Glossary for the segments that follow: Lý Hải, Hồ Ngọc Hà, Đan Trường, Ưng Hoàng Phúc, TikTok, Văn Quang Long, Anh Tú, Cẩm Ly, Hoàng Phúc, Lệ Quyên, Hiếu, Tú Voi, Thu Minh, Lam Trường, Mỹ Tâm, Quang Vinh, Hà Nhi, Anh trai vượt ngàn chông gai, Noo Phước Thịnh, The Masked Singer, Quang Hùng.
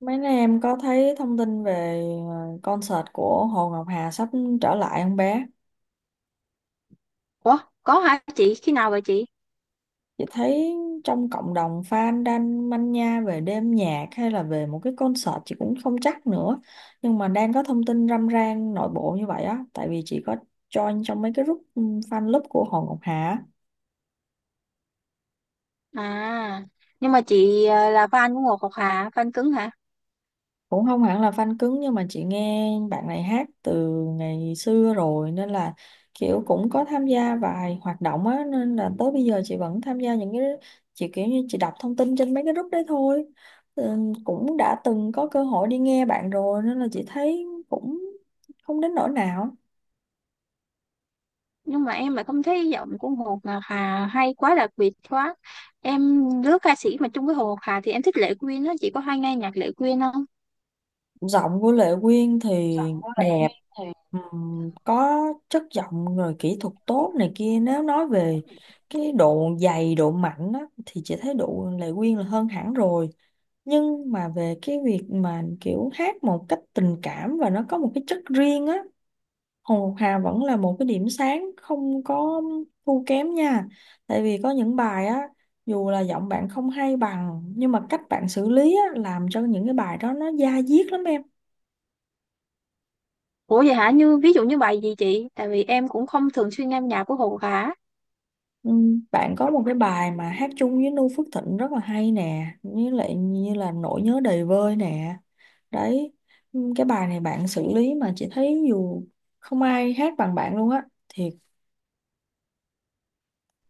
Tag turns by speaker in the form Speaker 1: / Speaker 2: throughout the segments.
Speaker 1: Mấy nay em có thấy thông tin về concert của Hồ Ngọc Hà sắp trở lại không bé?
Speaker 2: Ủa, có hả chị? Khi nào vậy chị?
Speaker 1: Chị thấy trong cộng đồng fan đang manh nha về đêm nhạc hay là về một cái concert chị cũng không chắc nữa. Nhưng mà đang có thông tin râm ran nội bộ như vậy á. Tại vì chị có join trong mấy cái group fan club của Hồ Ngọc Hà á.
Speaker 2: À, nhưng mà chị là fan của Ngọc Ngọc Hà, fan cứng hả?
Speaker 1: Cũng không hẳn là fan cứng nhưng mà chị nghe bạn này hát từ ngày xưa rồi nên là kiểu cũng có tham gia vài hoạt động á, nên là tới bây giờ chị vẫn tham gia những cái, chị kiểu như chị đọc thông tin trên mấy cái group đấy thôi. ừ, Cũng đã từng có cơ hội đi nghe bạn rồi nên là chị thấy cũng không đến nỗi nào.
Speaker 2: Nhưng mà em lại không thấy giọng của hồ Ngọc Hà hay quá, đặc biệt quá. Em đứa ca sĩ mà chung với Hồ Ngọc Hà thì em thích Lệ Quyên á, chị có hay nghe nhạc Lệ Quyên không?
Speaker 1: Giọng của Lệ Quyên thì đẹp, có chất giọng rồi kỹ thuật tốt này kia, nếu nói về cái độ dày độ mạnh á, thì chị thấy độ Lệ Quyên là hơn hẳn rồi. Nhưng mà về cái việc mà kiểu hát một cách tình cảm và nó có một cái chất riêng á, Hồ Ngọc Hà vẫn là một cái điểm sáng không có thua kém nha. Tại vì có những bài á, dù là giọng bạn không hay bằng nhưng mà cách bạn xử lý á, làm cho những cái bài đó nó da diết lắm em.
Speaker 2: Ủa vậy hả? Như ví dụ như bài gì chị? Tại vì em cũng không thường xuyên nghe nhạc của Hồ Ngọc Hà.
Speaker 1: Ừ, bạn có một cái bài mà hát chung với Noo Phước Thịnh rất là hay nè, với lại như là nỗi nhớ đầy vơi nè. Đấy, cái bài này bạn xử lý mà chị thấy dù không ai hát bằng bạn luôn á. Thiệt,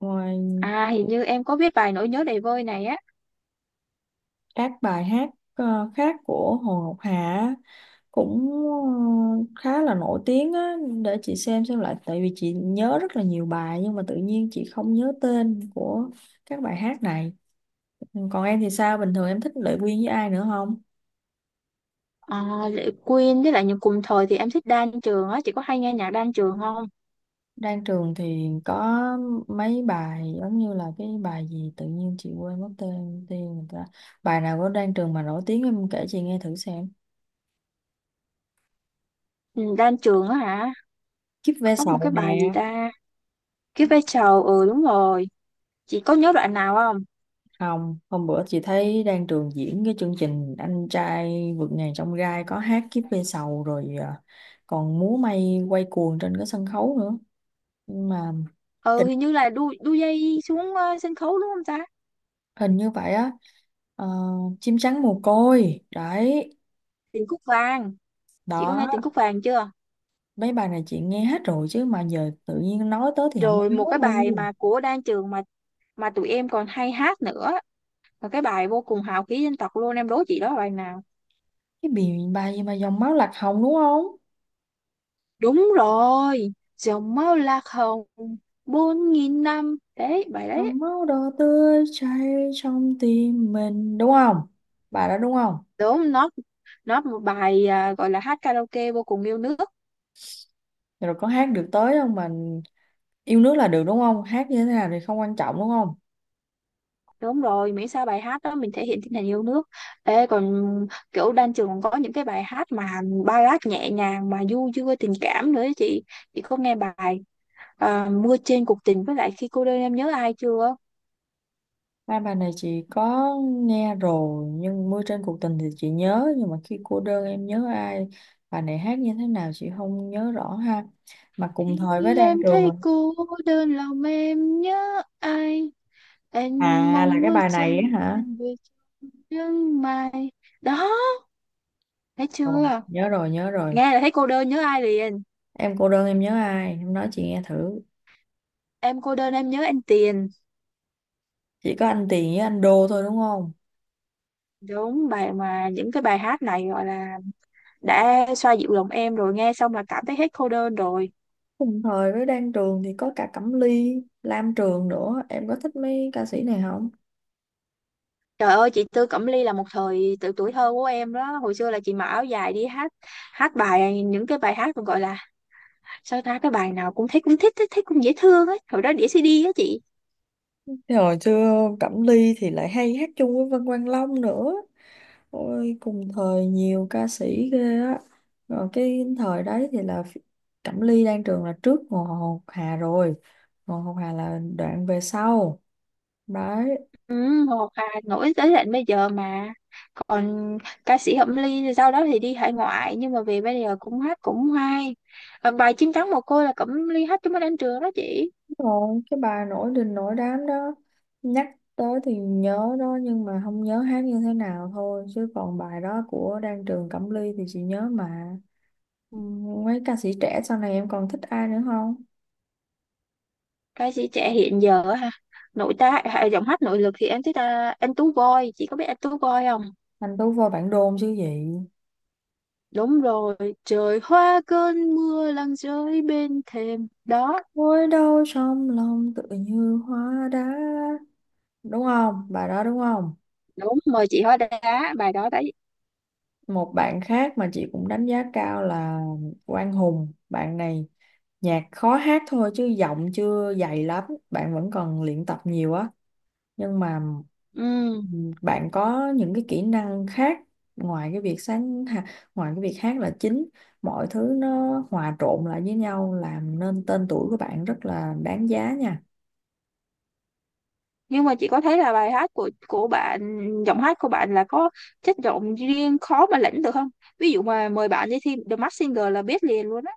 Speaker 1: ngoài
Speaker 2: À, hình như em có biết bài Nỗi nhớ đầy vơi này á.
Speaker 1: các bài hát khác của Hồ Ngọc Hà á, cũng khá là nổi tiếng á, để chị xem lại tại vì chị nhớ rất là nhiều bài nhưng mà tự nhiên chị không nhớ tên của các bài hát này. Ừ, còn em thì sao? Bình thường em thích Lệ Quyên với ai nữa không?
Speaker 2: À, Lệ Quyên với lại những cùng thời thì em thích Đan Trường á, chị có hay nghe nhạc Đan Trường không?
Speaker 1: Đang trường thì có mấy bài giống như là cái bài gì tự nhiên chị quên mất tên tên người ta. Bài nào của Đan Trường mà nổi tiếng em kể chị nghe thử xem.
Speaker 2: Ừ, Đan Trường á hả?
Speaker 1: Kiếp ve
Speaker 2: Có một
Speaker 1: sầu
Speaker 2: cái
Speaker 1: nè.
Speaker 2: bài gì ta? Cái vai trò, ừ đúng rồi, chị có nhớ đoạn nào không?
Speaker 1: Không, hôm bữa chị thấy Đan Trường diễn cái chương trình Anh trai vượt ngàn chông gai có hát Kiếp ve sầu rồi à, còn múa may quay cuồng trên cái sân khấu nữa. Nhưng mà
Speaker 2: Ừ,
Speaker 1: tình
Speaker 2: hình như là đu đu dây xuống sân khấu đúng không ta?
Speaker 1: hình như vậy á. Ờ, chim trắng mồ côi. Đấy,
Speaker 2: Tình cúc vàng, chị có nghe
Speaker 1: đó.
Speaker 2: tình cúc vàng chưa?
Speaker 1: Mấy bài này chị nghe hết rồi chứ mà giờ tự nhiên nói tới thì không
Speaker 2: Rồi
Speaker 1: nhớ
Speaker 2: một cái bài
Speaker 1: luôn.
Speaker 2: mà của Đan Trường mà tụi em còn hay hát nữa, một cái bài vô cùng hào khí dân tộc luôn, em đố chị đó là bài nào?
Speaker 1: Cái bài bài gì mà dòng máu lạc hồng đúng không?
Speaker 2: Đúng rồi, dòng máu lạc hồng, 4000 năm đấy bài đấy.
Speaker 1: Dòng máu đỏ tươi chảy trong tim mình đúng không? Bài đó đúng không?
Speaker 2: Đúng nó một bài à, gọi là hát karaoke vô cùng yêu nước.
Speaker 1: Rồi có hát được tới không mà, yêu nước là được đúng không? Hát như thế nào thì không quan trọng đúng không?
Speaker 2: Đúng rồi, miễn sao bài hát đó mình thể hiện tinh thần yêu nước. Ê, còn kiểu Đan Trường còn có những cái bài hát mà ballad nhẹ nhàng mà du dương tình cảm nữa ấy chị. Chị có nghe bài à, Mưa trên cuộc tình với lại Khi cô đơn em nhớ ai chưa?
Speaker 1: Hai bài này chị có nghe rồi, nhưng mưa trên cuộc tình thì chị nhớ nhưng mà khi cô đơn em nhớ ai, bài này hát như thế nào chị không nhớ rõ ha. Mà cùng thời với
Speaker 2: Khi
Speaker 1: Đan
Speaker 2: em
Speaker 1: Trường.
Speaker 2: thấy cô đơn lòng em nhớ ai? Em
Speaker 1: À, là
Speaker 2: mong
Speaker 1: cái
Speaker 2: bức
Speaker 1: bài này á
Speaker 2: tranh
Speaker 1: hả?
Speaker 2: em về sương mai. Đó, thấy
Speaker 1: Rồi,
Speaker 2: chưa?
Speaker 1: nhớ rồi, nhớ rồi.
Speaker 2: Nghe là thấy cô đơn nhớ ai liền.
Speaker 1: Em cô đơn em nhớ ai? Em nói chị nghe thử.
Speaker 2: Em cô đơn em nhớ anh Tiền.
Speaker 1: Chỉ có anh Tiền với anh Đô thôi đúng không?
Speaker 2: Đúng, bài mà những cái bài hát này gọi là đã xoa dịu lòng em rồi, nghe xong là cảm thấy hết cô đơn rồi.
Speaker 1: Cùng thời với Đan Trường thì có cả Cẩm Ly, Lam Trường nữa. Em có thích mấy ca sĩ này không?
Speaker 2: Trời ơi, chị Tư Cẩm Ly là một thời tự tuổi thơ của em đó, hồi xưa là chị mặc áo dài đi hát, hát bài những cái bài hát còn gọi là sao ta, cái bài nào cũng thấy cũng thích thích thích cũng dễ thương ấy, hồi đó đĩa CD á chị.
Speaker 1: Thế hồi xưa Cẩm Ly thì lại hay hát chung với Văn Quang Long nữa. Ôi, cùng thời nhiều ca sĩ ghê á. Rồi cái thời đấy thì là Cẩm Ly, Đan Trường là trước Hồ Ngọc Hà rồi. Hồ Ngọc Hà là đoạn về sau. Đấy.
Speaker 2: Ừ, hoặc là nổi tới tận bây giờ mà còn, ca sĩ Cẩm Ly thì sau đó thì đi hải ngoại nhưng mà về bây giờ cũng hát cũng hay. Ờ, bài chim trắng mồ côi là Cẩm Ly hát cho mấy anh trường đó chị.
Speaker 1: Rồi, cái bà nổi đình nổi đám đó, nhắc tới thì nhớ đó nhưng mà không nhớ hát như thế nào thôi, chứ còn bài đó của Đan Trường Cẩm Ly thì chị nhớ mà. Ừ, mấy ca sĩ trẻ sau này em còn thích ai nữa không?
Speaker 2: Ca sĩ trẻ hiện giờ á ha, nội tá à, giọng hát nội lực thì em thích anh Tú Voi, chị có biết anh Tú Voi không?
Speaker 1: Anh Tú vô bản đôn chứ gì.
Speaker 2: Đúng rồi, trời hoa cơn mưa lăn rơi bên thềm đó.
Speaker 1: Ngồi đâu trong lòng tự như hóa đá, đúng không, bài đó đúng không?
Speaker 2: Đúng, mời chị hóa đá, bài đó đấy.
Speaker 1: Một bạn khác mà chị cũng đánh giá cao là Quang Hùng, bạn này nhạc khó hát thôi chứ giọng chưa dày lắm, bạn vẫn còn luyện tập nhiều á. Nhưng mà
Speaker 2: Ừ.
Speaker 1: bạn có những cái kỹ năng khác, ngoài cái việc ngoài cái việc hát là chính, mọi thứ nó hòa trộn lại với nhau làm nên tên tuổi của bạn rất là đáng giá nha.
Speaker 2: Nhưng mà chị có thấy là bài hát của bạn, giọng hát của bạn là có chất giọng riêng khó mà lẫn được không? Ví dụ mà mời bạn đi thi The Masked Singer là biết liền luôn á.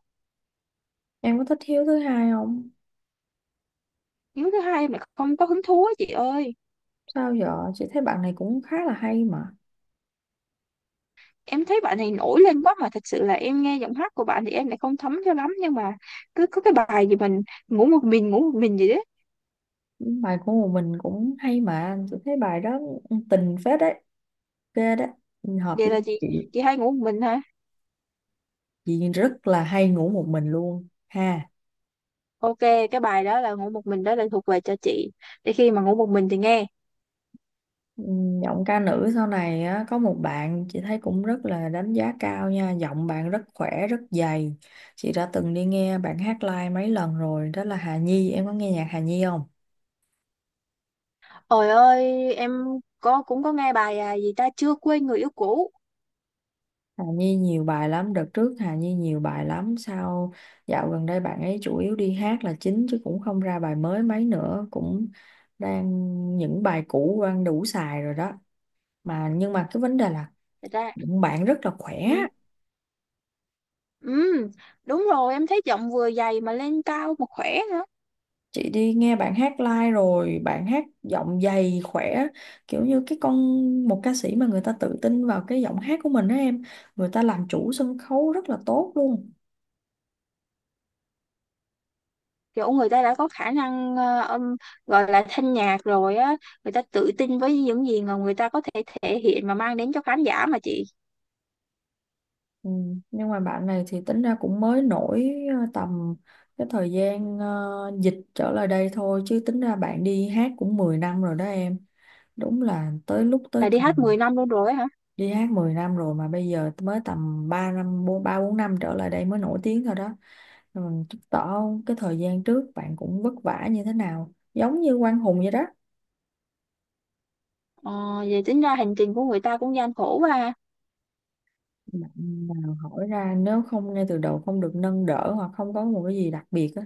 Speaker 1: Em có thích Hiếu thứ hai không?
Speaker 2: Nếu thứ hai mà không có hứng thú á chị ơi.
Speaker 1: Sao giờ chị thấy bạn này cũng khá là hay mà.
Speaker 2: Em thấy bạn này nổi lên quá mà thật sự là em nghe giọng hát của bạn thì em lại không thấm cho lắm, nhưng mà cứ có cái bài gì mình ngủ một mình gì đấy.
Speaker 1: Bài của một mình cũng hay mà tôi thấy, bài đó tình phết đấy, ghê đấy, hợp
Speaker 2: Vậy
Speaker 1: với
Speaker 2: là chị
Speaker 1: chị.
Speaker 2: chị hay ngủ một mình hả?
Speaker 1: Chị rất là hay ngủ một mình luôn ha.
Speaker 2: Ok, cái bài đó là ngủ một mình đó là thuộc về cho chị, để khi mà ngủ một mình thì nghe.
Speaker 1: Giọng ca nữ sau này á, có một bạn chị thấy cũng rất là đánh giá cao nha, giọng bạn rất khỏe rất dày, chị đã từng đi nghe bạn hát live mấy lần rồi, đó là Hà Nhi. Em có nghe nhạc Hà Nhi không?
Speaker 2: Ôi ơi em có, cũng có nghe bài à, gì ta, chưa quên người yêu cũ.
Speaker 1: Hà Nhi nhiều bài lắm, đợt trước Hà Nhi nhiều bài lắm, sao dạo gần đây bạn ấy chủ yếu đi hát là chính chứ cũng không ra bài mới mấy nữa, cũng đang những bài cũ đang đủ xài rồi đó. Mà nhưng mà cái vấn đề là
Speaker 2: Thật ra
Speaker 1: bạn rất là khỏe.
Speaker 2: ừ, ừ đúng rồi, em thấy giọng vừa dày mà lên cao mà khỏe nữa.
Speaker 1: Chị đi nghe bạn hát live rồi, bạn hát giọng dày khỏe, kiểu như cái con, một ca sĩ mà người ta tự tin vào cái giọng hát của mình đó em, người ta làm chủ sân khấu rất là tốt luôn.
Speaker 2: Kiểu người ta đã có khả năng âm, gọi là thanh nhạc rồi á, người ta tự tin với những gì mà người ta có thể thể hiện mà mang đến cho khán giả mà chị.
Speaker 1: Ừ. Nhưng mà bạn này thì tính ra cũng mới nổi tầm cái thời gian dịch trở lại đây thôi, chứ tính ra bạn đi hát cũng 10 năm rồi đó em. Đúng là tới lúc tới
Speaker 2: Là đi
Speaker 1: thời,
Speaker 2: hát 10 năm luôn rồi á hả?
Speaker 1: đi hát 10 năm rồi mà bây giờ mới tầm 3 năm 4, 3 4 năm trở lại đây mới nổi tiếng thôi đó. Rồi mình chứng tỏ cái thời gian trước bạn cũng vất vả như thế nào, giống như Quang Hùng vậy đó.
Speaker 2: ờ, Vậy tính ra hành trình của người ta cũng gian khổ quá ha.
Speaker 1: Bạn nào hỏi ra nếu không ngay từ đầu không được nâng đỡ hoặc không có một cái gì đặc biệt á,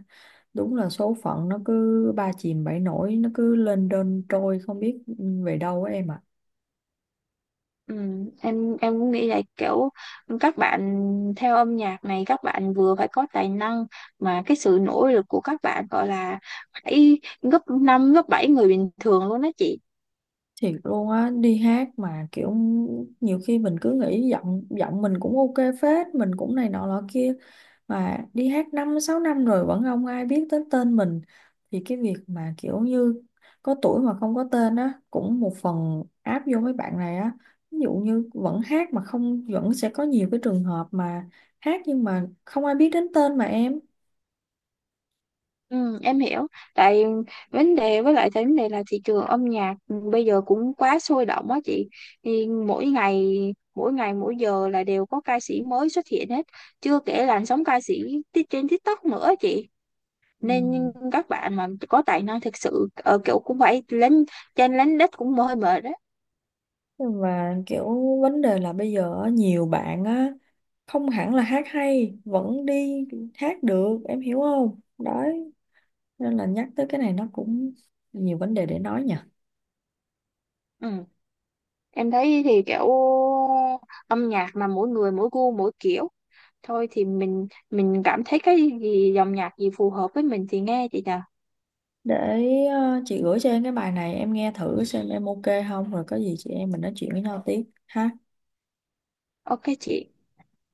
Speaker 1: đúng là số phận nó cứ ba chìm bảy nổi, nó cứ lên đơn trôi không biết về đâu á em ạ.
Speaker 2: Ừ, em cũng nghĩ là kiểu các bạn theo âm nhạc này các bạn vừa phải có tài năng mà cái sự nỗ lực của các bạn gọi là phải gấp 5 gấp 7 người bình thường luôn đó chị.
Speaker 1: Thiệt luôn á, đi hát mà kiểu nhiều khi mình cứ nghĩ giọng giọng mình cũng ok phết, mình cũng này nọ lọ kia, mà đi hát 5, 6 năm rồi vẫn không ai biết tới tên mình, thì cái việc mà kiểu như có tuổi mà không có tên á, cũng một phần áp vô mấy bạn này á. Ví dụ như vẫn hát mà không, vẫn sẽ có nhiều cái trường hợp mà hát nhưng mà không ai biết đến tên mà em.
Speaker 2: Ừ, em hiểu. Tại vấn đề, với lại tại vấn đề là thị trường âm nhạc bây giờ cũng quá sôi động á chị. Thì mỗi ngày mỗi giờ là đều có ca sĩ mới xuất hiện hết. Chưa kể làn sóng ca sĩ trên TikTok nữa chị.
Speaker 1: Ừ.
Speaker 2: Nên các bạn mà có tài năng thực sự kiểu cũng phải lên trên lánh đất cũng hơi mệt đấy.
Speaker 1: Và kiểu vấn đề là bây giờ á, nhiều bạn á không hẳn là hát hay vẫn đi hát được, em hiểu không? Đấy, nên là nhắc tới cái này nó cũng nhiều vấn đề để nói nha.
Speaker 2: Ừ. Em thấy thì kiểu âm nhạc mà mỗi người mỗi gu mỗi kiểu. Thôi thì mình cảm thấy cái gì, dòng nhạc gì phù hợp với mình thì nghe chị nhỉ.
Speaker 1: Để chị gửi cho em cái bài này em nghe thử xem em ok không, rồi có gì chị em mình nói chuyện với nhau tiếp ha.
Speaker 2: Ok chị,